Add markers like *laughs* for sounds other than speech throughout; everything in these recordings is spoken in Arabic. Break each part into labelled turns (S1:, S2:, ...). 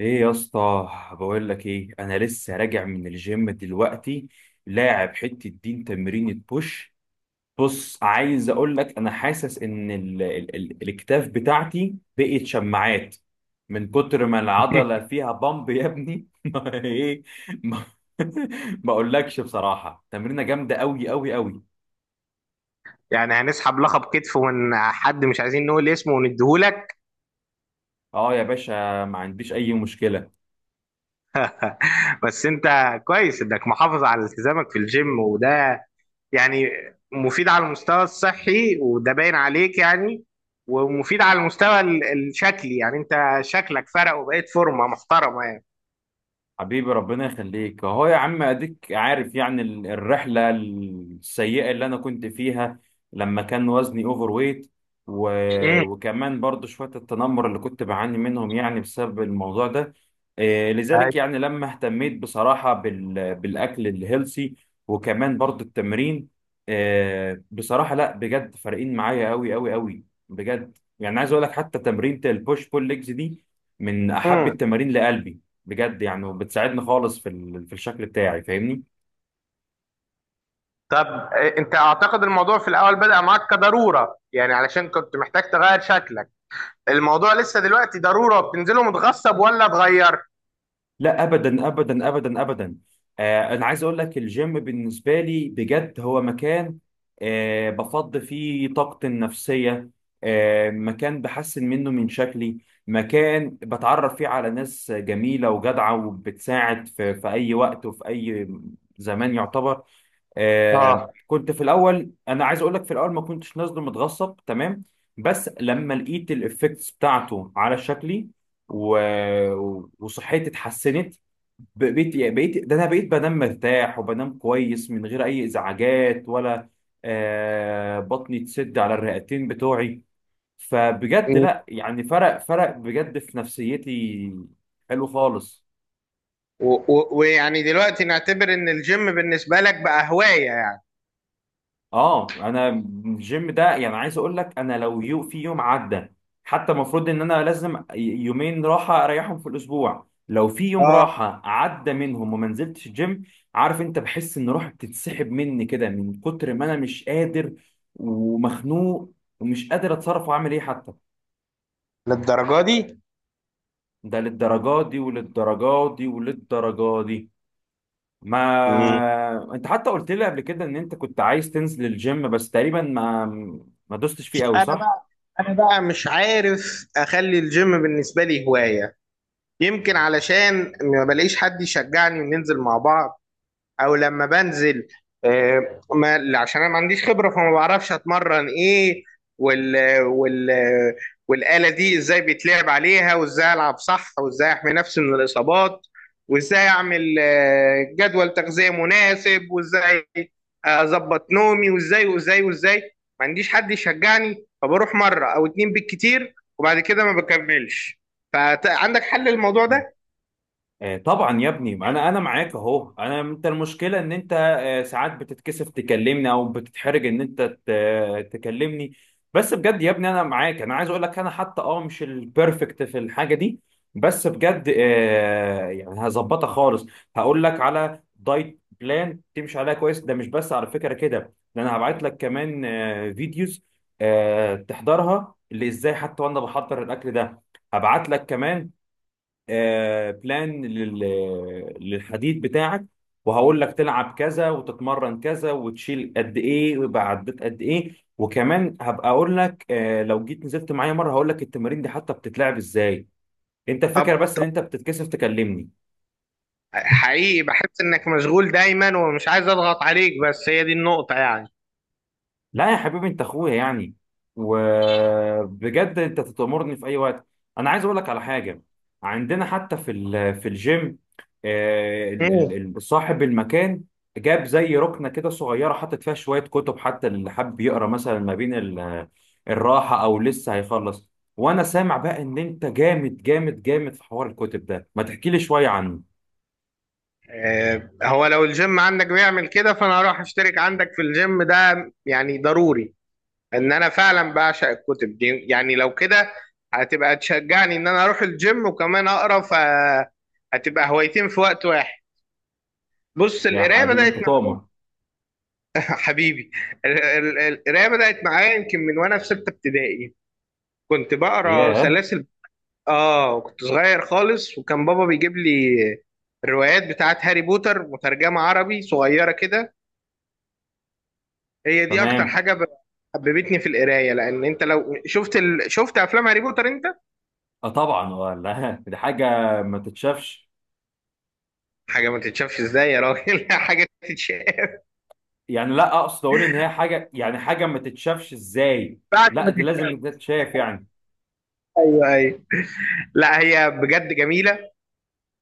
S1: ايه يا اسطى، بقول لك ايه، انا لسه راجع من الجيم دلوقتي. لاعب حته دين تمرين بوش. بص عايز اقول لك انا حاسس ان ال ال ال الاكتاف بتاعتي بقت شماعات من كتر ما العضله
S2: *laughs*
S1: فيها بامب يا ابني. *laughs* ما ايه. ما. *laughs* ما اقولكش بصراحه تمرينه جامده قوي قوي قوي.
S2: يعني هنسحب لقب كتف من حد مش عايزين نقول اسمه ونديهولك.
S1: اه يا باشا، ما عنديش اي مشكله.
S2: بس انت كويس انك محافظ على التزامك في الجيم، وده يعني مفيد على المستوى الصحي، وده باين عليك يعني. ومفيد على المستوى الشكلي، يعني انت شكلك فرق وبقيت فورمة محترمة يعني.
S1: حبيبي ربنا يخليك اهو يا عم، اديك عارف يعني الرحله السيئه اللي انا كنت فيها لما كان وزني اوفر ويت و...
S2: امم
S1: وكمان برضو شويه التنمر اللي كنت بعاني منهم يعني بسبب الموضوع ده. إيه، لذلك
S2: أيوة.
S1: يعني لما اهتميت بصراحه بالاكل الهيلسي وكمان برضو التمرين. إيه بصراحه، لا بجد فارقين معايا قوي قوي قوي بجد، يعني عايز اقول لك حتى تمرينة البوش بول ليجز دي من احب
S2: امم
S1: التمارين لقلبي. بجد يعني، وبتساعدني خالص في الشكل بتاعي، فاهمني.
S2: طب اه، انت اعتقد الموضوع في الاول بدأ معاك كضرورة يعني، علشان كنت محتاج تغير شكلك. الموضوع لسه دلوقتي ضرورة بتنزله متغصب ولا اتغير؟
S1: لا ابدا ابدا ابدا ابدا. آه، انا عايز اقول لك الجيم بالنسبه لي بجد هو مكان. آه، بفض فيه طاقتي النفسيه. آه، مكان بحسن منه من شكلي. مكان بتعرف فيه على ناس جميله وجدعه، وبتساعد في اي وقت وفي اي زمان يعتبر. آه،
S2: اه.
S1: كنت في الاول، انا عايز اقول لك في الاول ما كنتش نازله متغصب، تمام. بس لما لقيت الافكتس بتاعته على شكلي و... وصحتي اتحسنت، بقيت ده انا بقيت بنام مرتاح وبنام كويس من غير اي ازعاجات ولا. آه، بطني تسد على الرئتين بتوعي. فبجد لا، يعني فرق فرق بجد في نفسيتي، حلو خالص.
S2: و- و- ويعني دلوقتي نعتبر ان الجيم بالنسبة لك بقى هواية يعني.
S1: اه انا الجيم ده يعني عايز اقول لك انا لو في يوم عدى، حتى المفروض ان انا لازم يومين راحه اريحهم في الاسبوع، لو في يوم
S2: اه،
S1: راحه عدى منهم وما نزلتش الجيم، عارف انت، بحس ان روحي بتتسحب مني كده من كتر ما انا مش قادر ومخنوق ومش قادر اتصرف واعمل ايه حتى.
S2: للدرجة دي.
S1: ده للدرجات دي وللدرجات دي وللدرجات دي.
S2: مم.
S1: ما انت حتى قلت لي قبل كده ان انت كنت عايز تنزل الجيم بس تقريبا ما دوستش فيه قوي،
S2: انا
S1: صح؟
S2: بقى، انا بقى مش عارف اخلي الجيم بالنسبة لي هواية. يمكن علشان ما بلاقيش حد يشجعني وننزل مع بعض، او لما بنزل آه، ما عشان انا ما عنديش خبره فما بعرفش اتمرن ايه. وال وال والاله دي ازاي بيتلعب عليها، وازاي العب صح، وازاي احمي نفسي من الاصابات، وازاي اعمل آه، جدول تغذيه مناسب، وازاي اظبط نومي وازاي وازاي وازاي. ما عنديش حد يشجعني، فبروح مره او اتنين بالكتير وبعد كده ما بكملش. فعندك حل للموضوع ده؟
S1: طبعا يا ابني، ما انا معاك اهو. انا انت المشكله ان انت ساعات بتتكسف تكلمني او بتتحرج ان انت تكلمني. بس بجد يا ابني انا معاك، انا عايز اقول لك انا حتى اه مش البرفكت في الحاجه دي، بس بجد يعني هظبطها خالص. هقول لك على دايت بلان تمشي عليها كويس. ده مش بس على فكره كده، ده انا هبعت لك كمان فيديوز تحضرها اللي ازاي حتى وانا بحضر الاكل ده. هبعت لك كمان بلان للحديد بتاعك، وهقول لك تلعب كذا وتتمرن كذا وتشيل قد ايه ويبقى عديت قد ايه. وكمان هبقى اقول لك لو جيت نزلت معايا مره هقول لك التمارين دي حتى بتتلعب ازاي. انت الفكره بس ان
S2: طب
S1: انت بتتكسف تكلمني.
S2: حقيقي بحس انك مشغول دايما، ومش عايز اضغط عليك، بس هي دي النقطة يعني.
S1: لا يا حبيبي، انت اخويا يعني، وبجد انت تأمرني في اي وقت. انا عايز اقول لك على حاجه. عندنا حتى في الجيم،
S2: مم.
S1: صاحب المكان جاب زي ركنه كده صغيره، حاطط فيها شويه كتب حتى اللي حابب يقرا مثلا ما بين الراحه او لسه هيخلص. وانا سامع بقى ان انت جامد جامد جامد في حوار الكتب ده، ما تحكي لي شويه عنه.
S2: آه، هو لو الجيم عندك بيعمل كده فانا هروح اشترك عندك في الجيم ده، يعني ضروري. ان انا فعلا بعشق الكتب دي، يعني لو كده هتبقى تشجعني ان انا اروح الجيم وكمان اقرا، فهتبقى هوايتين في وقت واحد. بص،
S1: يا
S2: القرايه
S1: حبيبي انت
S2: بدات معايا.
S1: تؤمر.
S2: *laughs* حبيبي، القرايه بدات معايا يمكن من وانا في سته ابتدائي، كنت بقرا
S1: ياه.
S2: سلاسل. اه كنت صغير خالص، وكان بابا بيجيب لي الروايات بتاعت هاري بوتر مترجمة عربي صغيرة كده. هي دي اكتر
S1: تمام.
S2: حاجة حببتني في القراية، لان انت لو شفت شفت افلام هاري بوتر انت.
S1: اه طبعا، ولا *laughs* دي حاجه ما تتشافش
S2: حاجة ما تتشافش ازاي يا راجل! *laughs* حاجة تتشاف،
S1: يعني. لا، اقصد اقول ان هي حاجه، يعني حاجه ما تتشافش ازاي؟
S2: بعد
S1: لا
S2: ما
S1: دي
S2: تتشاف.
S1: لازم تتشاف يعني.
S2: ايوه ايوه، لا هي بجد جميلة.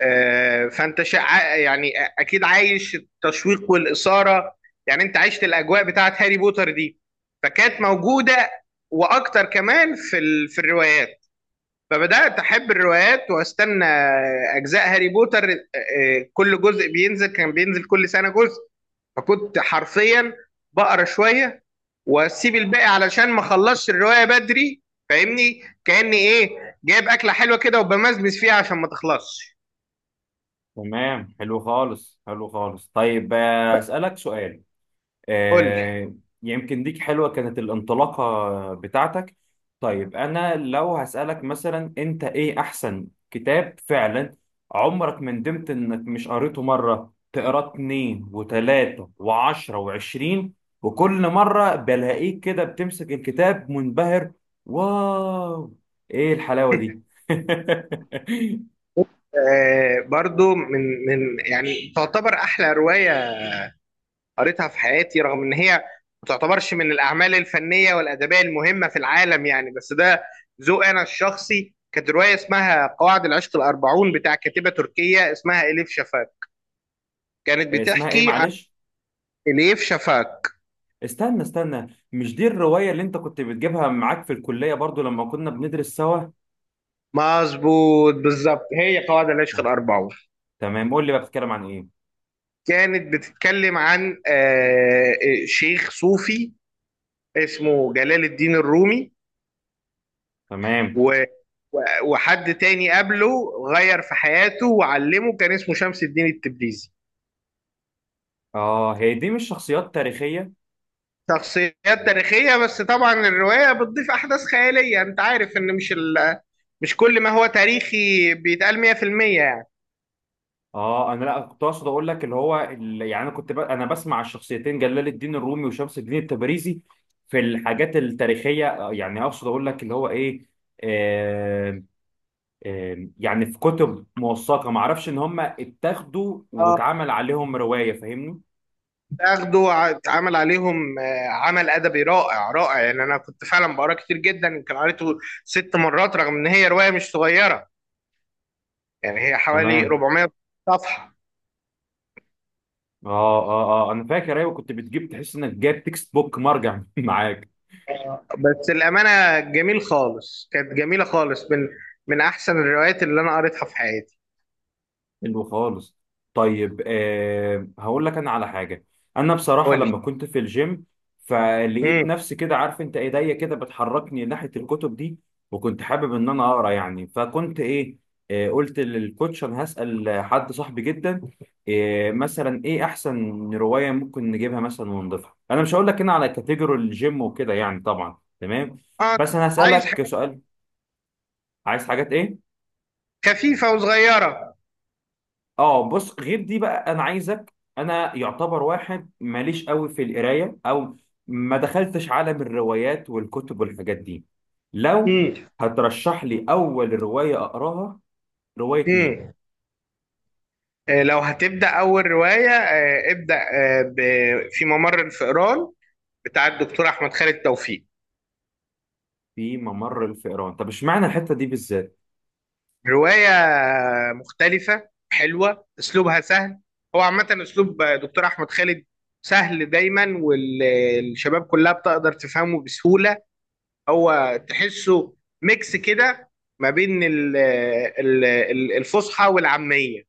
S2: آه، يعني اكيد عايش التشويق والاثاره، يعني انت عشت الاجواء بتاعت هاري بوتر دي، فكانت موجوده واكتر كمان في في الروايات. فبدات احب الروايات، واستنى اجزاء هاري بوتر. كل جزء بينزل، كان بينزل كل سنه جزء. فكنت حرفيا بقرا شويه واسيب الباقي علشان ما اخلصش الروايه بدري. فاهمني؟ كاني ايه، جايب اكله حلوه كده وبمزمز فيها عشان ما تخلصش.
S1: تمام حلو خالص، حلو خالص، طيب اسالك سؤال.
S2: قول لي.
S1: آه، يمكن ديك حلوة كانت الانطلاقة بتاعتك. طيب أنا لو هسألك مثلا، أنت إيه أحسن كتاب فعلا عمرك ما ندمت إنك مش قريته، مرة تقراه 2 و3 و10 و20، وكل مرة بلاقيك كده بتمسك الكتاب منبهر، واو، إيه الحلاوة دي؟
S2: برضو من يعني تعتبر احلى روايه قريتها في حياتي، رغم ان هي ما تعتبرش من الاعمال الفنيه والادبيه المهمه في العالم يعني، بس ده ذوق انا الشخصي. كانت روايه اسمها قواعد العشق الاربعون، بتاع كاتبه تركيه اسمها اليف شفاك. كانت
S1: *laughs* اسمها إيه
S2: بتحكي عن
S1: معلش؟
S2: اليف شفاك.
S1: استنى استنى، مش دي الرواية اللي انت كنت بتجيبها معاك في الكلية برضو لما كنا بندرس سوا؟
S2: مظبوط بالظبط، هي قواعد العشق الاربعون.
S1: تمام، قول لي بقى، بتتكلم عن ايه؟
S2: كانت بتتكلم عن شيخ صوفي اسمه جلال الدين الرومي،
S1: تمام.
S2: و و- وحد تاني قبله غير في حياته وعلمه، كان اسمه شمس الدين التبريزي.
S1: اه هي دي مش شخصيات تاريخية؟
S2: شخصيات تاريخية، بس طبعا الرواية بتضيف أحداث خيالية. أنت عارف إن مش مش كل ما هو تاريخي بيتقال 100% يعني.
S1: اه انا لا، كنت اقصد اقول لك اللي هو، اللي يعني انا كنت انا بسمع الشخصيتين جلال الدين الرومي وشمس الدين التبريزي في الحاجات التاريخية. يعني اقصد اقول لك اللي هو ايه، آه يعني في كتب موثقة معرفش ان هم اتاخدوا
S2: اه،
S1: واتعمل عليهم رواية، فاهمني.
S2: اخده اتعمل عليهم آه، عمل ادبي رائع رائع، يعني انا كنت فعلا بقرا كتير جدا، يمكن قريته ست مرات، رغم ان هي روايه مش صغيره، يعني هي حوالي
S1: تمام.
S2: 400 صفحه.
S1: اه اه انا فاكر، ايوه كنت بتجيب، تحس انك جايب تكست بوك مرجع *laughs* معاك.
S2: بس الأمانة جميل خالص، كانت جميلة خالص من من أحسن الروايات اللي أنا قريتها في حياتي.
S1: حلو خالص. طيب آه، هقول لك انا على حاجه. انا بصراحه
S2: قولي.
S1: لما كنت في الجيم فلقيت
S2: مم.
S1: نفسي كده، عارف انت، ايديا كده بتحركني ناحيه الكتب دي. وكنت حابب ان انا اقرا يعني، فكنت ايه، آه، قلت للكوتش انا هسال حد صاحبي جدا، آه، مثلا ايه احسن روايه ممكن نجيبها مثلا ونضيفها. انا مش هقول لك هنا على كاتيجوري الجيم وكده يعني، طبعا تمام،
S2: آه،
S1: بس انا
S2: عايز
S1: هسالك
S2: حاجات
S1: سؤال. عايز حاجات ايه؟
S2: خفيفة وصغيرة.
S1: اه بص، غير دي بقى، انا عايزك انا يعتبر واحد ماليش قوي في القرايه او ما دخلتش عالم الروايات والكتب والحاجات دي، لو
S2: مم.
S1: هترشح لي اول روايه اقراها، روايه مين؟
S2: مم. آه لو هتبدأ أول رواية، آه ابدأ في ممر الفئران، بتاع الدكتور أحمد خالد توفيق.
S1: في ممر الفئران. طب اشمعنى الحته دي بالذات؟
S2: رواية مختلفة حلوة، أسلوبها سهل. هو عامة أسلوب دكتور أحمد خالد سهل دايما، والشباب كلها بتقدر تفهمه بسهولة. هو تحسه ميكس كده ما بين الفصحى والعامية،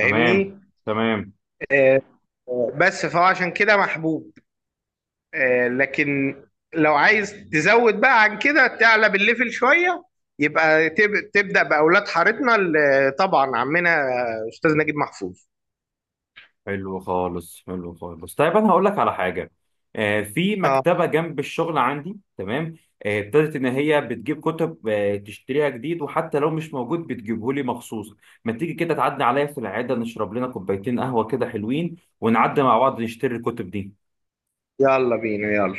S1: تمام تمام،
S2: بس فهو عشان كده محبوب، آه، لكن لو عايز تزود بقى عن كده، تعلى بالليفل شوية، يبقى تبدأ بأولاد حارتنا، طبعا عمنا أستاذ نجيب محفوظ.
S1: حلو خالص، حلو خالص، طيب انا هقول لك على حاجه. آه، في
S2: اه،
S1: مكتبه جنب الشغل عندي، تمام، آه، ابتدت ان هي بتجيب كتب، آه، تشتريها جديد، وحتى لو مش موجود بتجيبه لي مخصوص. ما تيجي كده تعدي عليا في العياده نشرب لنا كوبايتين قهوه كده حلوين، ونعدي مع بعض نشتري الكتب دي.
S2: يلا بينا يلا.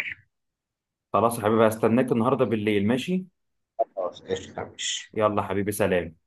S1: خلاص يا حبيبي، هستناك النهارده بالليل، ماشي؟
S2: خلاص قشطة ماشي.
S1: يلا حبيبي، سلام.